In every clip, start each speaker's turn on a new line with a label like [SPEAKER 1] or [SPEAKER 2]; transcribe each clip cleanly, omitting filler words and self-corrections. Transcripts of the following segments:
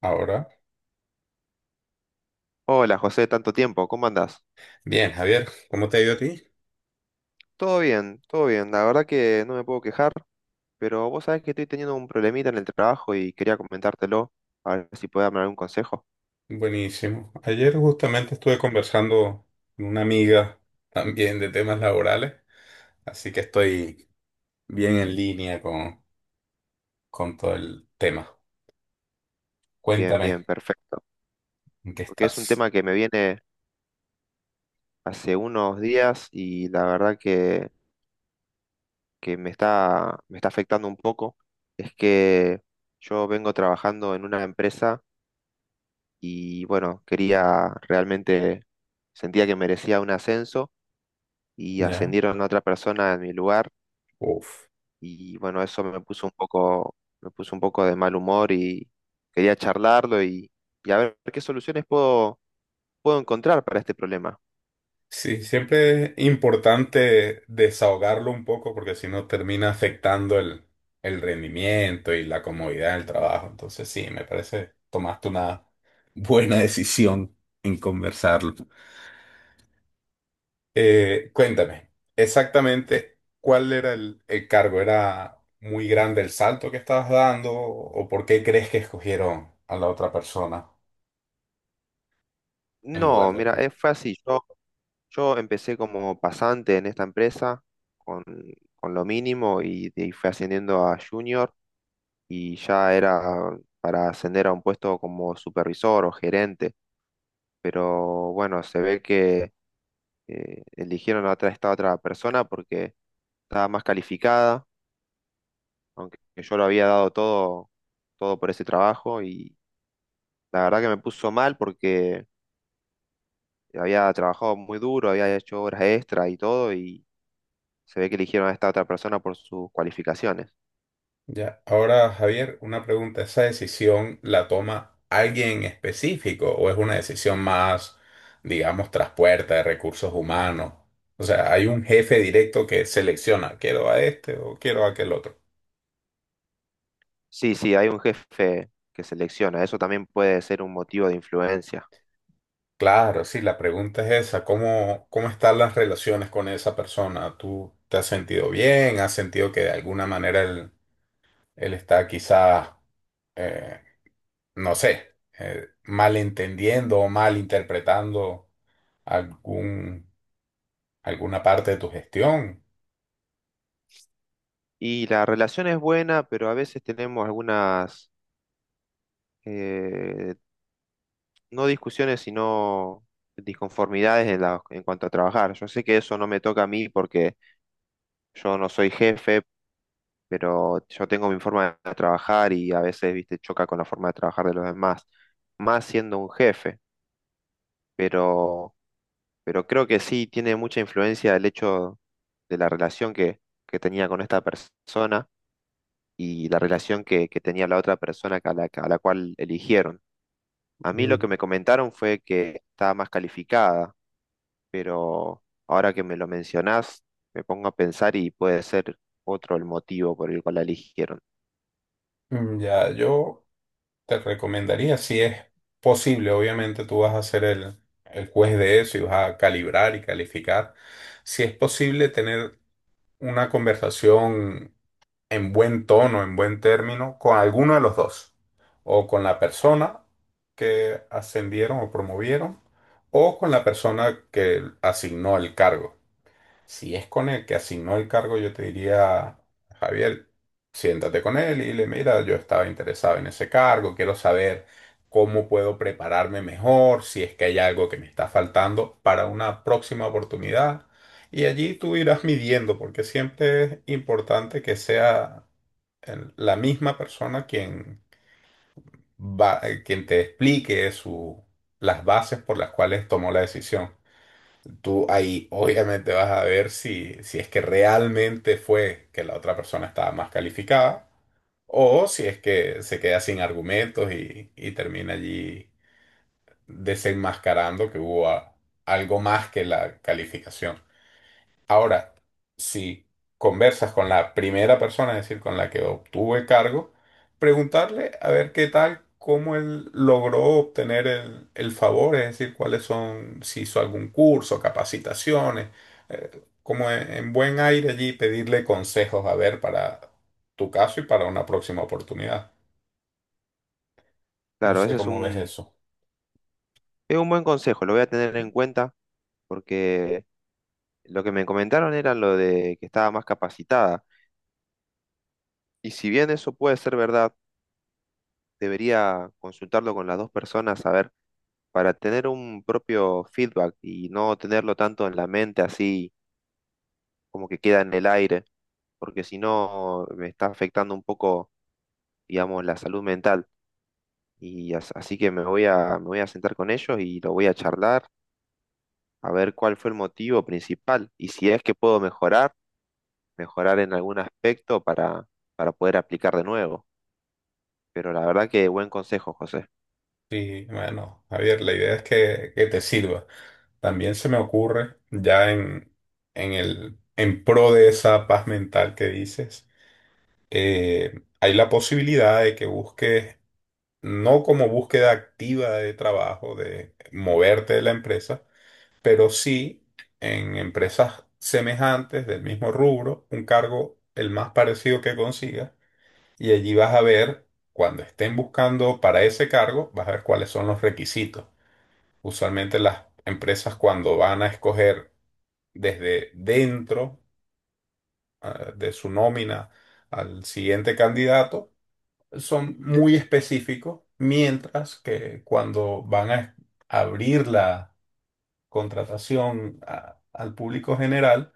[SPEAKER 1] Ahora,
[SPEAKER 2] Hola José, tanto tiempo, ¿cómo andás?
[SPEAKER 1] bien, Javier, ¿cómo te ha ido a ti?
[SPEAKER 2] Todo bien, la verdad que no me puedo quejar, pero vos sabés que estoy teniendo un problemita en el trabajo y quería comentártelo, a ver si podés darme algún consejo.
[SPEAKER 1] Buenísimo. Ayer justamente estuve conversando con una amiga también de temas laborales, así que estoy bien en línea con todo el tema.
[SPEAKER 2] Bien,
[SPEAKER 1] Cuéntame,
[SPEAKER 2] bien, perfecto,
[SPEAKER 1] ¿en qué
[SPEAKER 2] porque es un
[SPEAKER 1] estás?
[SPEAKER 2] tema que me viene hace unos días y la verdad que me está afectando un poco. Es que yo vengo trabajando en una empresa y bueno, quería realmente, sentía que merecía un ascenso y
[SPEAKER 1] ¿Ya?
[SPEAKER 2] ascendieron a otra persona en mi lugar
[SPEAKER 1] Uf.
[SPEAKER 2] y bueno, eso me puso un poco, me puso un poco de mal humor y quería charlarlo y a ver qué soluciones puedo, puedo encontrar para este problema.
[SPEAKER 1] Sí, siempre es importante desahogarlo un poco porque si no termina afectando el rendimiento y la comodidad del trabajo. Entonces sí, me parece tomaste una buena decisión en conversarlo. Cuéntame, exactamente cuál era el cargo. ¿Era muy grande el salto que estabas dando o por qué crees que escogieron a la otra persona en lugar
[SPEAKER 2] No,
[SPEAKER 1] de
[SPEAKER 2] mira,
[SPEAKER 1] ti?
[SPEAKER 2] es fácil. Yo empecé como pasante en esta empresa con, con lo mínimo y de ahí fui ascendiendo a junior y ya era para ascender a un puesto como supervisor o gerente. Pero bueno, se ve que eligieron a otra, esta otra persona porque estaba más calificada aunque yo lo había dado todo, todo por ese trabajo y la verdad que me puso mal porque había trabajado muy duro, había hecho horas extra y todo y se ve que eligieron a esta otra persona por sus cualificaciones.
[SPEAKER 1] Ya, ahora Javier, una pregunta. ¿Esa decisión la toma alguien en específico o es una decisión más, digamos, tras puerta de recursos humanos? O sea, ¿hay un jefe directo que selecciona, quiero a este o quiero a aquel otro?
[SPEAKER 2] Sí, sí, hay un jefe que selecciona, eso también puede ser un motivo de influencia.
[SPEAKER 1] Claro, sí, la pregunta es esa. ¿Cómo están las relaciones con esa persona? ¿Tú te has sentido bien? ¿Has sentido que de alguna manera él está quizás, eh, no sé, malentendiendo o malinterpretando algún, alguna parte de tu gestión?
[SPEAKER 2] Y la relación es buena, pero a veces tenemos algunas, eh, no discusiones, sino disconformidades en cuanto a trabajar. Yo sé que eso no me toca a mí porque yo no soy jefe, pero yo tengo mi forma de trabajar y a veces, viste, choca con la forma de trabajar de los demás, más siendo un jefe, pero, pero creo que sí tiene mucha influencia el hecho de la relación que tenía con esta persona y la relación que tenía la otra persona que a la cual eligieron. A mí lo que
[SPEAKER 1] Mm,
[SPEAKER 2] me comentaron fue que estaba más calificada, pero ahora que me lo mencionás, me pongo a pensar y puede ser otro el motivo por el cual la eligieron.
[SPEAKER 1] Ya yo te recomendaría, si es posible, obviamente tú vas a ser el juez de eso y vas a calibrar y calificar, si es posible tener una conversación en buen tono, en buen término, con alguno de los dos, o con la persona que ascendieron o promovieron, o con la persona que asignó el cargo. Si es con el que asignó el cargo, yo te diría, Javier, siéntate con él y dile, mira, yo estaba interesado en ese cargo, quiero saber cómo puedo prepararme mejor, si es que hay algo que me está faltando para una próxima oportunidad. Y allí tú irás midiendo, porque siempre es importante que sea la misma persona quien va, quien te explique las bases por las cuales tomó la decisión. Tú ahí obviamente vas a ver si es que realmente fue que la otra persona estaba más calificada, o si es que se queda sin argumentos y termina allí desenmascarando que hubo algo más que la calificación. Ahora, si conversas con la primera persona, es decir, con la que obtuvo el cargo, preguntarle a ver qué tal, cómo él logró obtener el favor, es decir, cuáles son, si hizo algún curso, capacitaciones, eh, como en buen aire allí, pedirle consejos a ver para tu caso y para una próxima oportunidad. No
[SPEAKER 2] Claro,
[SPEAKER 1] sé
[SPEAKER 2] ese es
[SPEAKER 1] cómo ves
[SPEAKER 2] un…
[SPEAKER 1] eso.
[SPEAKER 2] Es un buen consejo, lo voy a tener en cuenta porque lo que me comentaron era lo de que estaba más capacitada. Y si bien eso puede ser verdad, debería consultarlo con las dos personas, a ver, para tener un propio feedback y no tenerlo tanto en la mente así como que queda en el aire, porque si no me está afectando un poco, digamos, la salud mental. Así que me voy a sentar con ellos y lo voy a charlar, a ver cuál fue el motivo principal y si es que puedo mejorar en algún aspecto para poder aplicar de nuevo. Pero la verdad que buen consejo, José.
[SPEAKER 1] Sí, bueno, Javier, la idea es que te sirva. También se me ocurre, ya en en pro de esa paz mental que dices, hay la posibilidad de que busques, no como búsqueda activa de trabajo, de moverte de la empresa, pero sí en empresas semejantes del mismo rubro, un cargo el más parecido que consigas, y allí vas a ver, cuando estén buscando para ese cargo, vas a ver cuáles son los requisitos. Usualmente las empresas cuando van a escoger desde dentro ah, de su nómina al siguiente candidato son muy específicos, mientras que cuando van a abrir la contratación al público general,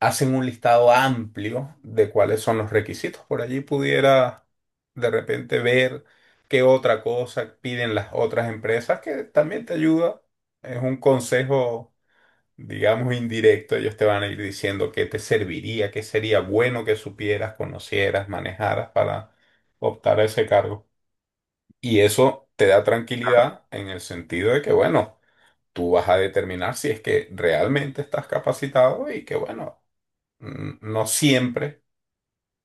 [SPEAKER 1] hacen un listado amplio de cuáles son los requisitos. Por allí pudiera de repente ver qué otra cosa piden las otras empresas, que también te ayuda. Es un consejo digamos, indirecto, ellos te van a ir diciendo qué te serviría, qué sería bueno que supieras, conocieras, manejaras para optar a ese cargo. Y eso te da tranquilidad en el sentido de que, bueno, tú vas a determinar si es que realmente estás capacitado y que, bueno, no siempre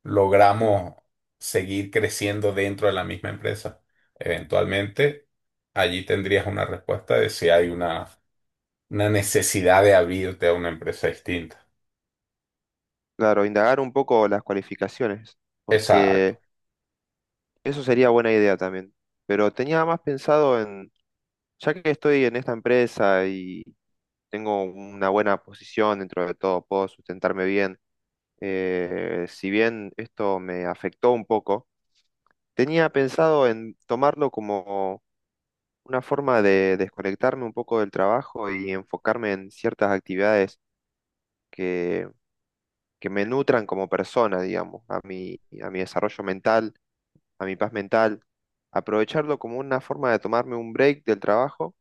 [SPEAKER 1] logramos seguir creciendo dentro de la misma empresa. Eventualmente, allí tendrías una respuesta de si hay una necesidad de abrirte a una empresa distinta.
[SPEAKER 2] Claro, indagar un poco las cualificaciones,
[SPEAKER 1] Exacto.
[SPEAKER 2] porque eso sería buena idea también. Pero tenía más pensado en, ya que estoy en esta empresa y tengo una buena posición dentro de todo, puedo sustentarme bien. Si bien esto me afectó un poco, tenía pensado en tomarlo como una forma de desconectarme un poco del trabajo y enfocarme en ciertas actividades que, que me nutran como persona, digamos, a a mi desarrollo mental, a mi paz mental. Aprovecharlo como una forma de tomarme un break del trabajo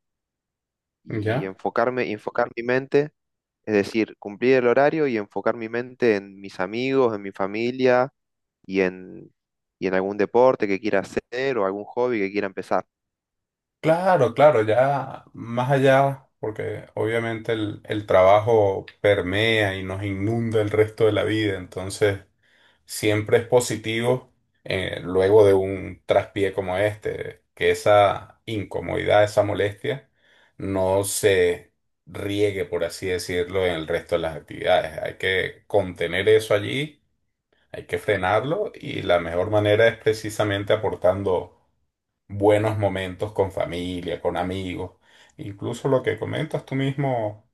[SPEAKER 2] y
[SPEAKER 1] ¿Ya?
[SPEAKER 2] enfocarme, y enfocar mi mente, es decir, cumplir el horario y enfocar mi mente en mis amigos, en mi familia y en, y en algún deporte que quiera hacer o algún hobby que quiera empezar.
[SPEAKER 1] Claro, claro, ya más allá, porque obviamente el trabajo permea y nos inunda el resto de la vida, entonces siempre es positivo luego de un traspié como este, que esa incomodidad, esa molestia, no se riegue, por así decirlo, en el resto de las actividades. Hay que contener eso allí, hay que frenarlo y la mejor manera es precisamente aportando buenos momentos con familia, con amigos, incluso lo que comentas tú mismo,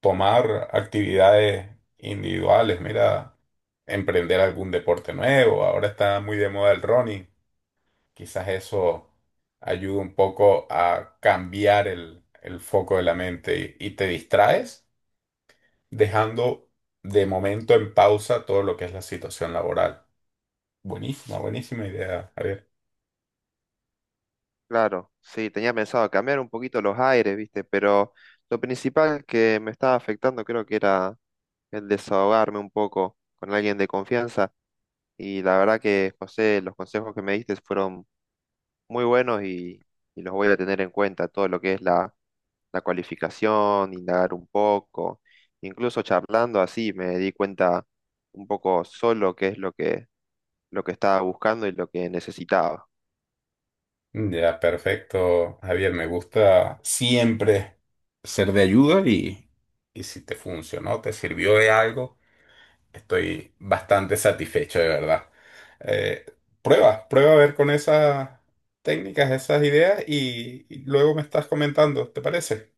[SPEAKER 1] tomar actividades individuales, mira, emprender algún deporte nuevo, ahora está muy de moda el running, quizás eso ayuda un poco a cambiar el foco de la mente y te distraes dejando de momento en pausa todo lo que es la situación laboral. Buenísima, buenísima idea, Ariel.
[SPEAKER 2] Claro, sí, tenía pensado cambiar un poquito los aires, viste, pero lo principal que me estaba afectando creo que era el desahogarme un poco con alguien de confianza y la verdad que José, los consejos que me diste fueron muy buenos y los voy a tener en cuenta, todo lo que es la cualificación, indagar un poco, incluso charlando así me di cuenta un poco solo qué es lo lo que estaba buscando y lo que necesitaba.
[SPEAKER 1] Ya, perfecto, Javier. Me gusta siempre ser de ayuda y si te funcionó, te sirvió de algo, estoy bastante satisfecho de verdad. Eh, Prueba, prueba a ver con esas técnicas, esas ideas y luego me estás comentando, ¿te parece?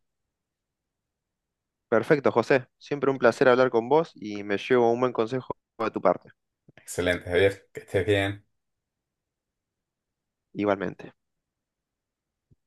[SPEAKER 2] Perfecto, José. Siempre un placer hablar con vos y me llevo un buen consejo de tu parte.
[SPEAKER 1] Excelente, Javier, que estés bien.
[SPEAKER 2] Igualmente.